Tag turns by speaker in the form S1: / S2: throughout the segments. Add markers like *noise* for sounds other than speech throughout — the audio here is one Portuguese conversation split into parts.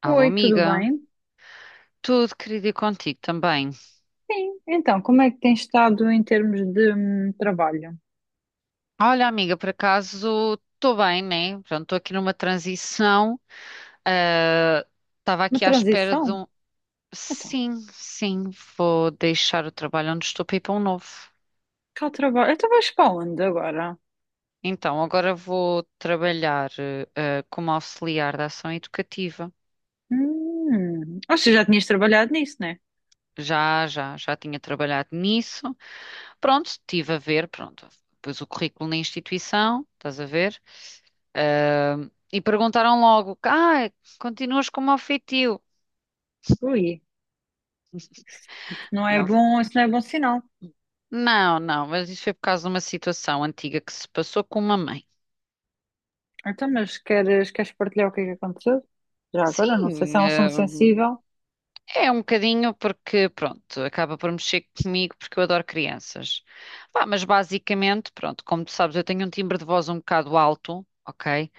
S1: Alô,
S2: Oi, tudo
S1: amiga.
S2: bem?
S1: Tudo querido e contigo também.
S2: Sim, então, como é que tem estado em termos de trabalho?
S1: Olha, amiga, por acaso estou bem, né? Pronto, estou aqui numa transição. Ah, estava
S2: Uma
S1: aqui à espera de
S2: transição?
S1: um.
S2: Então,
S1: Sim, sim, vou deixar o trabalho onde estou para ir para um novo.
S2: cá o trabalho. Então vais para onde agora?
S1: Então, agora vou trabalhar como auxiliar da ação educativa.
S2: Ou seja, já tinhas trabalhado nisso, né?
S1: Já tinha trabalhado nisso. Pronto, estive a ver, pronto, pus o currículo na instituição, estás a ver? Ah, e perguntaram logo, ah, continuas como ofetivo?
S2: Ui, isso não é
S1: Não,
S2: bom, isso não é bom sinal.
S1: não, não, mas isso foi por causa de uma situação antiga que se passou com uma mãe.
S2: Então, mas queres partilhar o que é que aconteceu? Já agora, não sei se
S1: Sim,
S2: é um assunto
S1: ah,
S2: sensível.
S1: é um bocadinho porque, pronto, acaba por mexer comigo porque eu adoro crianças. Pá, mas basicamente, pronto, como tu sabes, eu tenho um timbre de voz um bocado alto, ok?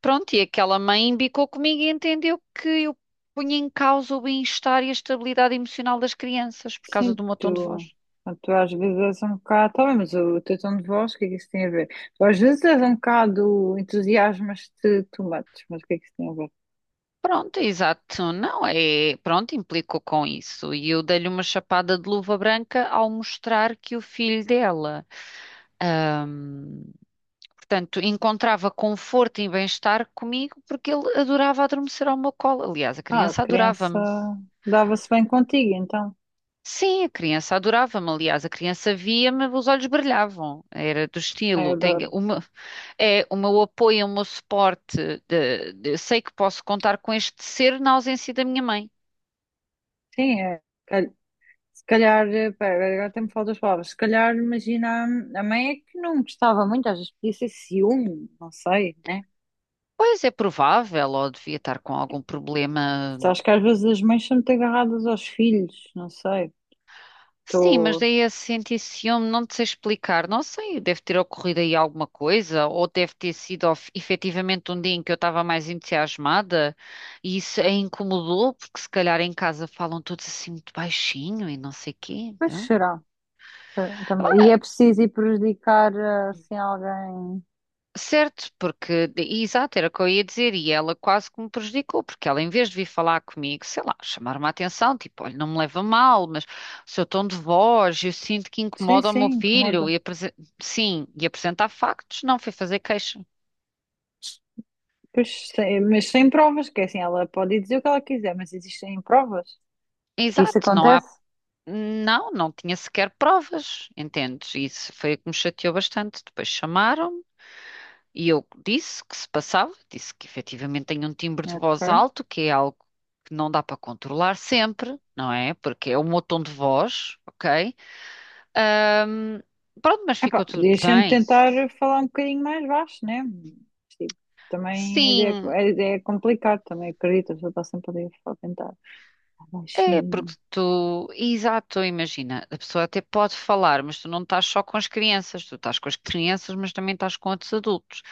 S1: Pronto, e aquela mãe embicou comigo e entendeu que eu punha em causa o bem-estar e a estabilidade emocional das crianças por causa
S2: Sim,
S1: do meu tom de
S2: tu,
S1: voz.
S2: tu às vezes és um bocado. Tá bem, mas o teu tom de voz, o que é que isso tem a ver? Tu às vezes és um bocado entusiasmas-te too much, mas o que é que isso tem a ver?
S1: Pronto, exato, não é? Pronto, implicou com isso. E eu dei-lhe uma chapada de luva branca ao mostrar que o filho dela, hum, portanto, encontrava conforto e bem-estar comigo porque ele adorava adormecer ao meu colo. Aliás, a
S2: Ah, a
S1: criança
S2: criança
S1: adorava-me.
S2: dava-se bem contigo, então.
S1: Sim, a criança adorava-me, aliás, a criança via-me, os olhos brilhavam, era do
S2: Ai, eu
S1: estilo, tem
S2: adoro.
S1: uma, é o meu apoio, o meu suporte, sei que posso contar com este ser na ausência da minha mãe.
S2: Sim, cal- se calhar, pera, agora até me faltam as palavras. Se calhar, imagina, a mãe é que não gostava muito, às vezes podia ser ciúme, não sei, né?
S1: Pois é provável, ou devia estar com algum problema.
S2: Acho que às vezes as mães são muito agarradas aos filhos, não sei.
S1: Sim, mas
S2: Estou.
S1: daí a sentir ciúme, não te sei explicar. Não sei, deve ter ocorrido aí alguma coisa, ou deve ter sido efetivamente um dia em que eu estava mais entusiasmada e isso a incomodou, porque se calhar em casa falam todos assim muito baixinho e não sei quê,
S2: Pois
S1: não?
S2: será. Eh, E é preciso ir prejudicar assim alguém.
S1: Certo, porque, exato, era o que eu ia dizer, e ela quase que me prejudicou, porque ela, em vez de vir falar comigo, sei lá, chamar-me a atenção, tipo, olha, não me leva a mal, mas o seu tom de voz, eu sinto que
S2: Sim,
S1: incomoda o meu
S2: sim,
S1: filho,
S2: incomoda.
S1: e sim, e apresentar factos, não foi fazer queixa.
S2: Pois, mas sem provas, que é assim, ela pode dizer o que ela quiser, mas existem provas de que isso
S1: Exato, não há,
S2: acontece.
S1: não, não tinha sequer provas, entendes? Isso foi o que me chateou bastante. Depois chamaram-me. E eu disse que se passava, disse que efetivamente tenho um timbre de voz
S2: Ok.
S1: alto, que é algo que não dá para controlar sempre, não é? Porque é o meu tom de voz, ok? Ahm, Pronto, mas
S2: Epá,
S1: ficou tudo
S2: podias sempre
S1: bem.
S2: tentar falar um bocadinho mais baixo, né? Mas, tipo, também
S1: Sim,
S2: a ideia é complicada, também acredito, a pessoa está sempre ali a tentar falar
S1: é porque
S2: baixinho.
S1: tu, exato, imagina, a pessoa até pode falar, mas tu não estás só com as crianças, tu estás com as crianças, mas também estás com outros adultos.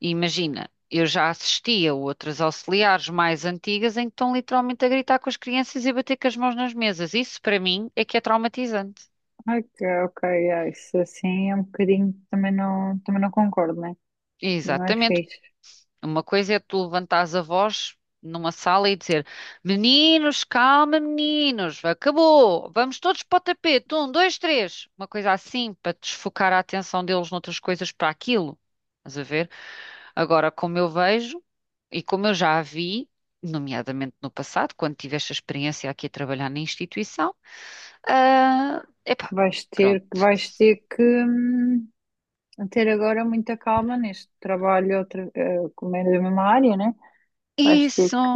S1: Imagina, eu já assisti a outras auxiliares mais antigas em que estão literalmente a gritar com as crianças e a bater com as mãos nas mesas. Isso, para mim, é que é traumatizante.
S2: Ai, ok, é, isso assim é um bocadinho, também não concordo, né? Mas não é
S1: Exatamente.
S2: fixe.
S1: Uma coisa é tu levantares a voz numa sala e dizer: meninos, calma, meninos, acabou, vamos todos para o tapete, um, dois, três. Uma coisa assim, para desfocar a atenção deles noutras coisas para aquilo. Estás a ver? Agora, como eu vejo e como eu já a vi, nomeadamente no passado, quando tive esta experiência aqui a trabalhar na instituição, ah, epá, pronto.
S2: Vais ter que ter agora muita calma neste trabalho, outra, como é da mesma área, né? Vais ter
S1: Isso,
S2: que,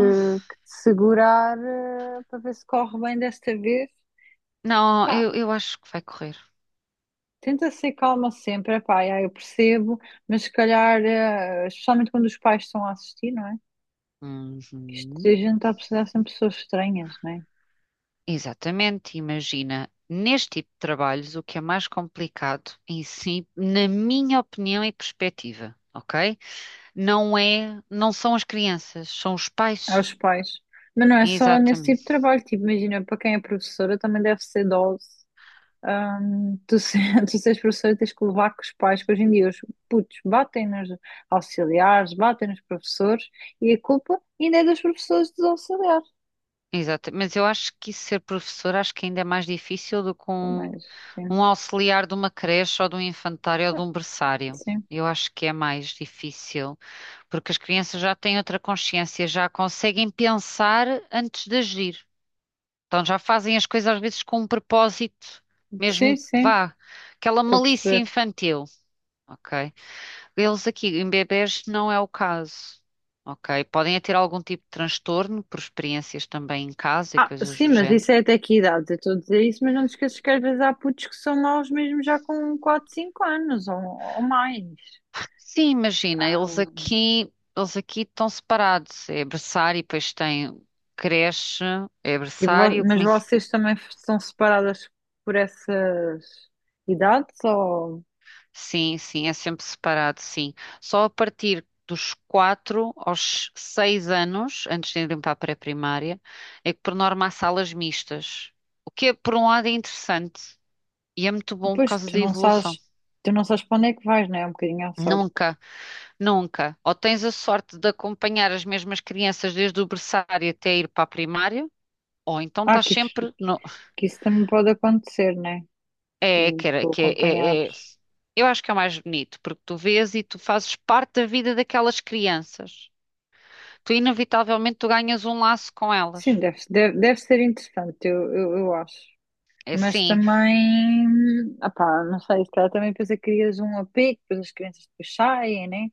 S2: que te segurar para ver se corre bem desta vez.
S1: não,
S2: Pá,
S1: eu acho que vai correr.
S2: tenta ser calma sempre, epá, já, eu percebo, mas se calhar, especialmente quando os pais estão a assistir, não é? Que isto, a
S1: Uhum.
S2: gente está a precisar sempre de pessoas estranhas, não é?
S1: Exatamente, imagina, neste tipo de trabalhos, o que é mais complicado em si, na minha opinião e perspectiva, ok? Não é, não são as crianças, são os pais.
S2: Aos pais. Mas não é só nesse tipo de
S1: Exatamente.
S2: trabalho, tipo, imagina, para quem é professora também deve ser dose. Tu, se, *laughs* tu seres professora tens que levar com os pais, que hoje em dia os putos batem nos auxiliares, batem nos professores e a culpa ainda é dos professores e dos auxiliares.
S1: Exato, mas eu acho que isso ser professor acho que ainda é mais difícil do que
S2: Também,
S1: um,
S2: sim.
S1: um auxiliar de uma creche ou de um infantário ou de
S2: Ah,
S1: um berçário.
S2: sim,
S1: Eu acho que é mais difícil, porque as crianças já têm outra consciência, já conseguem pensar antes de agir. Então já fazem as coisas às vezes com um propósito,
S2: sim,
S1: mesmo que
S2: sim,
S1: vá, aquela
S2: estou a
S1: malícia
S2: perceber.
S1: infantil, ok? Eles aqui em bebés não é o caso. Ok, podem é ter algum tipo de transtorno por experiências também em casa e
S2: Ah,
S1: coisas
S2: sim,
S1: do
S2: mas
S1: género.
S2: isso é até que idade? Eu estou a dizer isso, mas não te esqueças que às vezes há putos que são maus mesmo já com quatro cinco anos ou mais.
S1: Sim, imagina, eles
S2: Hum.
S1: aqui, eles aqui estão separados. É berçário, depois tem creche, é berçário,
S2: Mas vocês também são separadas por essas idades ou...
S1: sim, sim, é sempre separado, sim. Só a partir dos quatro aos seis anos, antes de irem para a pré-primária, é que por norma há salas mistas. O que é, por um lado é interessante e é muito bom por
S2: Pois,
S1: causa da evolução.
S2: tu não sabes para onde é que vais, não é? É um bocadinho à sorte.
S1: Nunca, nunca. Ou tens a sorte de acompanhar as mesmas crianças desde o berçário até ir para a primária, ou então
S2: Ah,
S1: estás
S2: que isso,
S1: sempre no.
S2: que isso também pode acontecer, não é?
S1: É, que era,
S2: Tu
S1: que é, é-
S2: acompanhados.
S1: é- Eu acho que é o mais bonito, porque tu vês e tu fazes parte da vida daquelas crianças. Tu, inevitavelmente, tu ganhas um laço com
S2: Sim,
S1: elas.
S2: deve ser interessante, eu acho.
S1: É
S2: Mas
S1: assim,
S2: também, opá, não sei, se calhar também depois crias um apego, depois as crianças depois saem, né?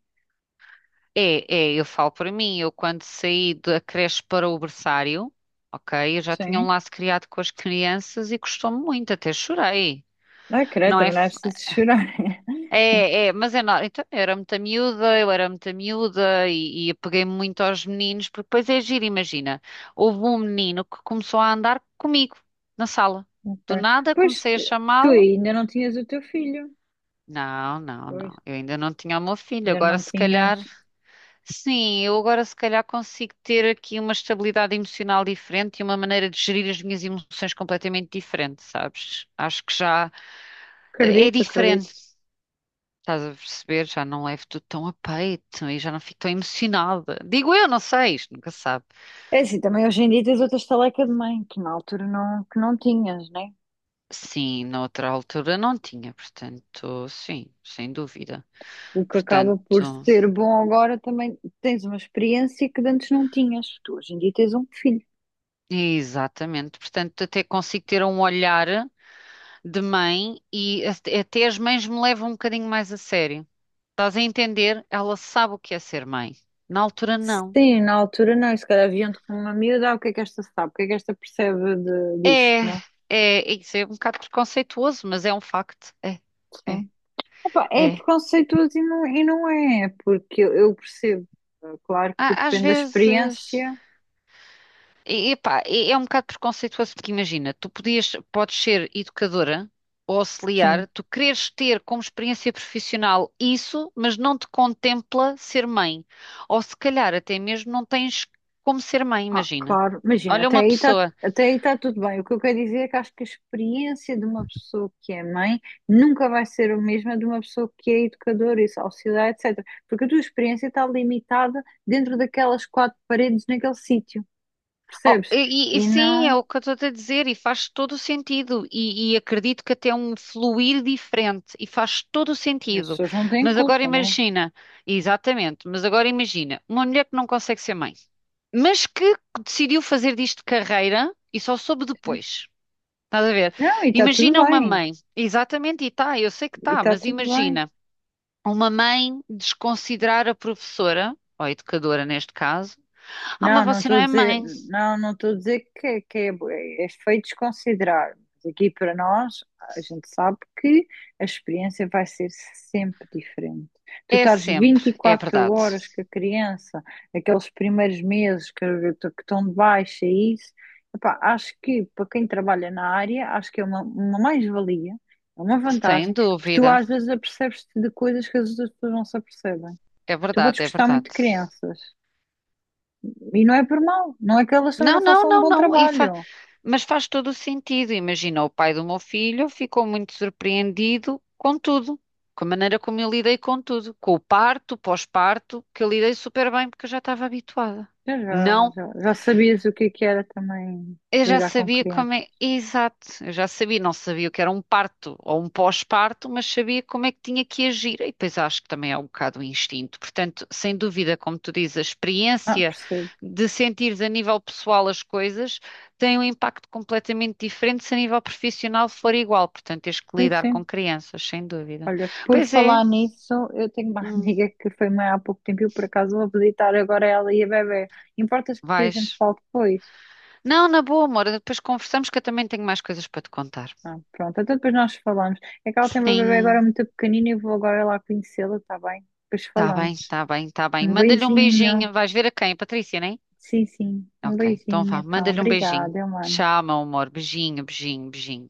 S1: é, é, eu falo para mim, eu quando saí da creche para o berçário, ok, eu já tinha um
S2: Sim.
S1: laço criado com as crianças e custou-me muito, até chorei.
S2: Ah, credo,
S1: Não é.
S2: também não é preciso chorar. *laughs*
S1: É, é, mas é não. Então, eu era muita miúda, eu era muita miúda e apeguei-me muito aos meninos, porque depois é giro, imagina. Houve um menino que começou a andar comigo na sala.
S2: Ok.
S1: Do nada
S2: Pois
S1: comecei a
S2: tu, tu
S1: chamá-lo.
S2: ainda não tinhas o teu filho.
S1: Não, não,
S2: Pois,
S1: não. Eu ainda não tinha o meu filho.
S2: ainda
S1: Agora
S2: não
S1: se calhar,
S2: tinhas.
S1: sim, eu agora se calhar consigo ter aqui uma estabilidade emocional diferente e uma maneira de gerir as minhas emoções completamente diferente, sabes? Acho que já é
S2: Acredito,
S1: diferente.
S2: acredito.
S1: Estás a perceber? Já não levo tudo tão a peito e já não fico tão emocionada. Digo eu, não sei, isto nunca se sabe.
S2: É assim, também hoje em dia tens outra estaleca de mãe, que na altura não, que não tinhas, né?
S1: Sim, na outra altura não tinha, portanto, sim, sem dúvida.
S2: O que acaba por
S1: Portanto,
S2: ser bom agora também tens uma experiência que de antes não tinhas. Tu hoje em dia tens um filho.
S1: exatamente. Portanto, até consigo ter um olhar de mãe e até as mães me levam um bocadinho mais a sério. Estás a entender? Ela sabe o que é ser mãe. Na altura, não.
S2: Sim, na altura não, e se calhar viam-te com uma miúda, ah, o que é que esta sabe, o que é que esta percebe de, disto,
S1: É,
S2: né?
S1: é, isso é um bocado preconceituoso, mas é um facto. É, é,
S2: Sim. Epá, é
S1: é.
S2: preconceituoso e não é, porque eu percebo, claro que
S1: Às
S2: depende da
S1: vezes,
S2: experiência,
S1: e, epá, é um bocado preconceituoso, porque imagina, tu podias, podes ser educadora ou
S2: sim,
S1: auxiliar, tu queres ter como experiência profissional isso, mas não te contempla ser mãe. Ou se calhar até mesmo não tens como ser mãe,
S2: ah,
S1: imagina.
S2: claro, imagina,
S1: Olha uma pessoa.
S2: até aí tá tudo bem, o que eu quero dizer é que acho que a experiência de uma pessoa que é mãe nunca vai ser a mesma de uma pessoa que é educadora e auxiliar, etc, porque a tua experiência está limitada dentro daquelas quatro paredes naquele sítio.
S1: Oh,
S2: Percebes?
S1: e, e
S2: E
S1: sim, é
S2: não,
S1: o que eu estou a dizer, e faz todo o sentido, e acredito que até é um fluir diferente, e faz todo o
S2: as
S1: sentido.
S2: pessoas não têm
S1: Mas agora
S2: culpa, né?
S1: imagina, exatamente, mas agora imagina, uma mulher que não consegue ser mãe, mas que decidiu fazer disto carreira e só soube depois. Estás a ver?
S2: Não, e está tudo
S1: Imagina uma
S2: bem,
S1: mãe, exatamente, e tá, eu sei que
S2: e
S1: tá,
S2: está
S1: mas
S2: tudo bem.
S1: imagina uma mãe desconsiderar a professora, ou a educadora neste caso, ah, mas
S2: Não, não
S1: você não
S2: estou a
S1: é
S2: dizer,
S1: mãe.
S2: não, não estou a dizer que é, é feio desconsiderar. Mas aqui para nós, a gente sabe que a experiência vai ser sempre diferente. Tu
S1: É
S2: estás
S1: sempre, é
S2: 24
S1: verdade.
S2: horas com a criança, aqueles primeiros que estão de baixa, e isso. Epá, acho que para quem trabalha na área, acho que é uma mais-valia, é uma
S1: Sem
S2: vantagem, porque tu
S1: dúvida.
S2: às vezes apercebes-te de coisas que as outras pessoas não se apercebem.
S1: É
S2: Tu podes
S1: verdade, é
S2: gostar muito
S1: verdade.
S2: de crianças. E não é por mal, não é que elas também
S1: Não,
S2: não
S1: não,
S2: façam um
S1: não,
S2: bom
S1: não.
S2: trabalho.
S1: Mas faz todo o sentido. Imagina, o pai do meu filho ficou muito surpreendido com tudo, com a maneira como eu lidei com tudo, com o parto, pós-parto, que eu lidei super bem porque eu já estava habituada. Não.
S2: Já sabias o que é que era também
S1: Eu já
S2: lidar com
S1: sabia
S2: criança.
S1: como é. Exato, eu já sabia, não sabia o que era um parto ou um pós-parto, mas sabia como é que tinha que agir. E depois acho que também é um bocado o instinto. Portanto, sem dúvida, como tu dizes, a
S2: Ah,
S1: experiência
S2: percebo.
S1: de sentires a nível pessoal as coisas tem um impacto completamente diferente se a nível profissional for igual. Portanto, tens que
S2: Sim,
S1: lidar com
S2: sim.
S1: crianças, sem dúvida.
S2: Olha, por
S1: Pois é,
S2: falar nisso, eu tenho uma *laughs*
S1: hum,
S2: amiga que foi mãe há pouco tempo e eu por acaso vou visitar agora ela e a bebê. Importas que a gente
S1: vais.
S2: fale depois?
S1: Não, na boa, amor, depois conversamos que eu também tenho mais coisas para te contar.
S2: Ah, pronto, então depois nós falamos. É que ela tem uma bebê agora
S1: Sim.
S2: muito pequenina e eu vou agora lá conhecê-la, tá bem? Depois
S1: Tá
S2: falamos.
S1: bem, está bem, está bem.
S2: Um
S1: Manda-lhe um
S2: beijinho.
S1: beijinho. Vais ver a quem? A Patrícia, né?
S2: Sim, sim. Um
S1: Ok, então
S2: beijinho,
S1: vá.
S2: então.
S1: Manda-lhe um beijinho.
S2: Obrigada, mano.
S1: Tchau, meu amor. Beijinho, beijinho, beijinho.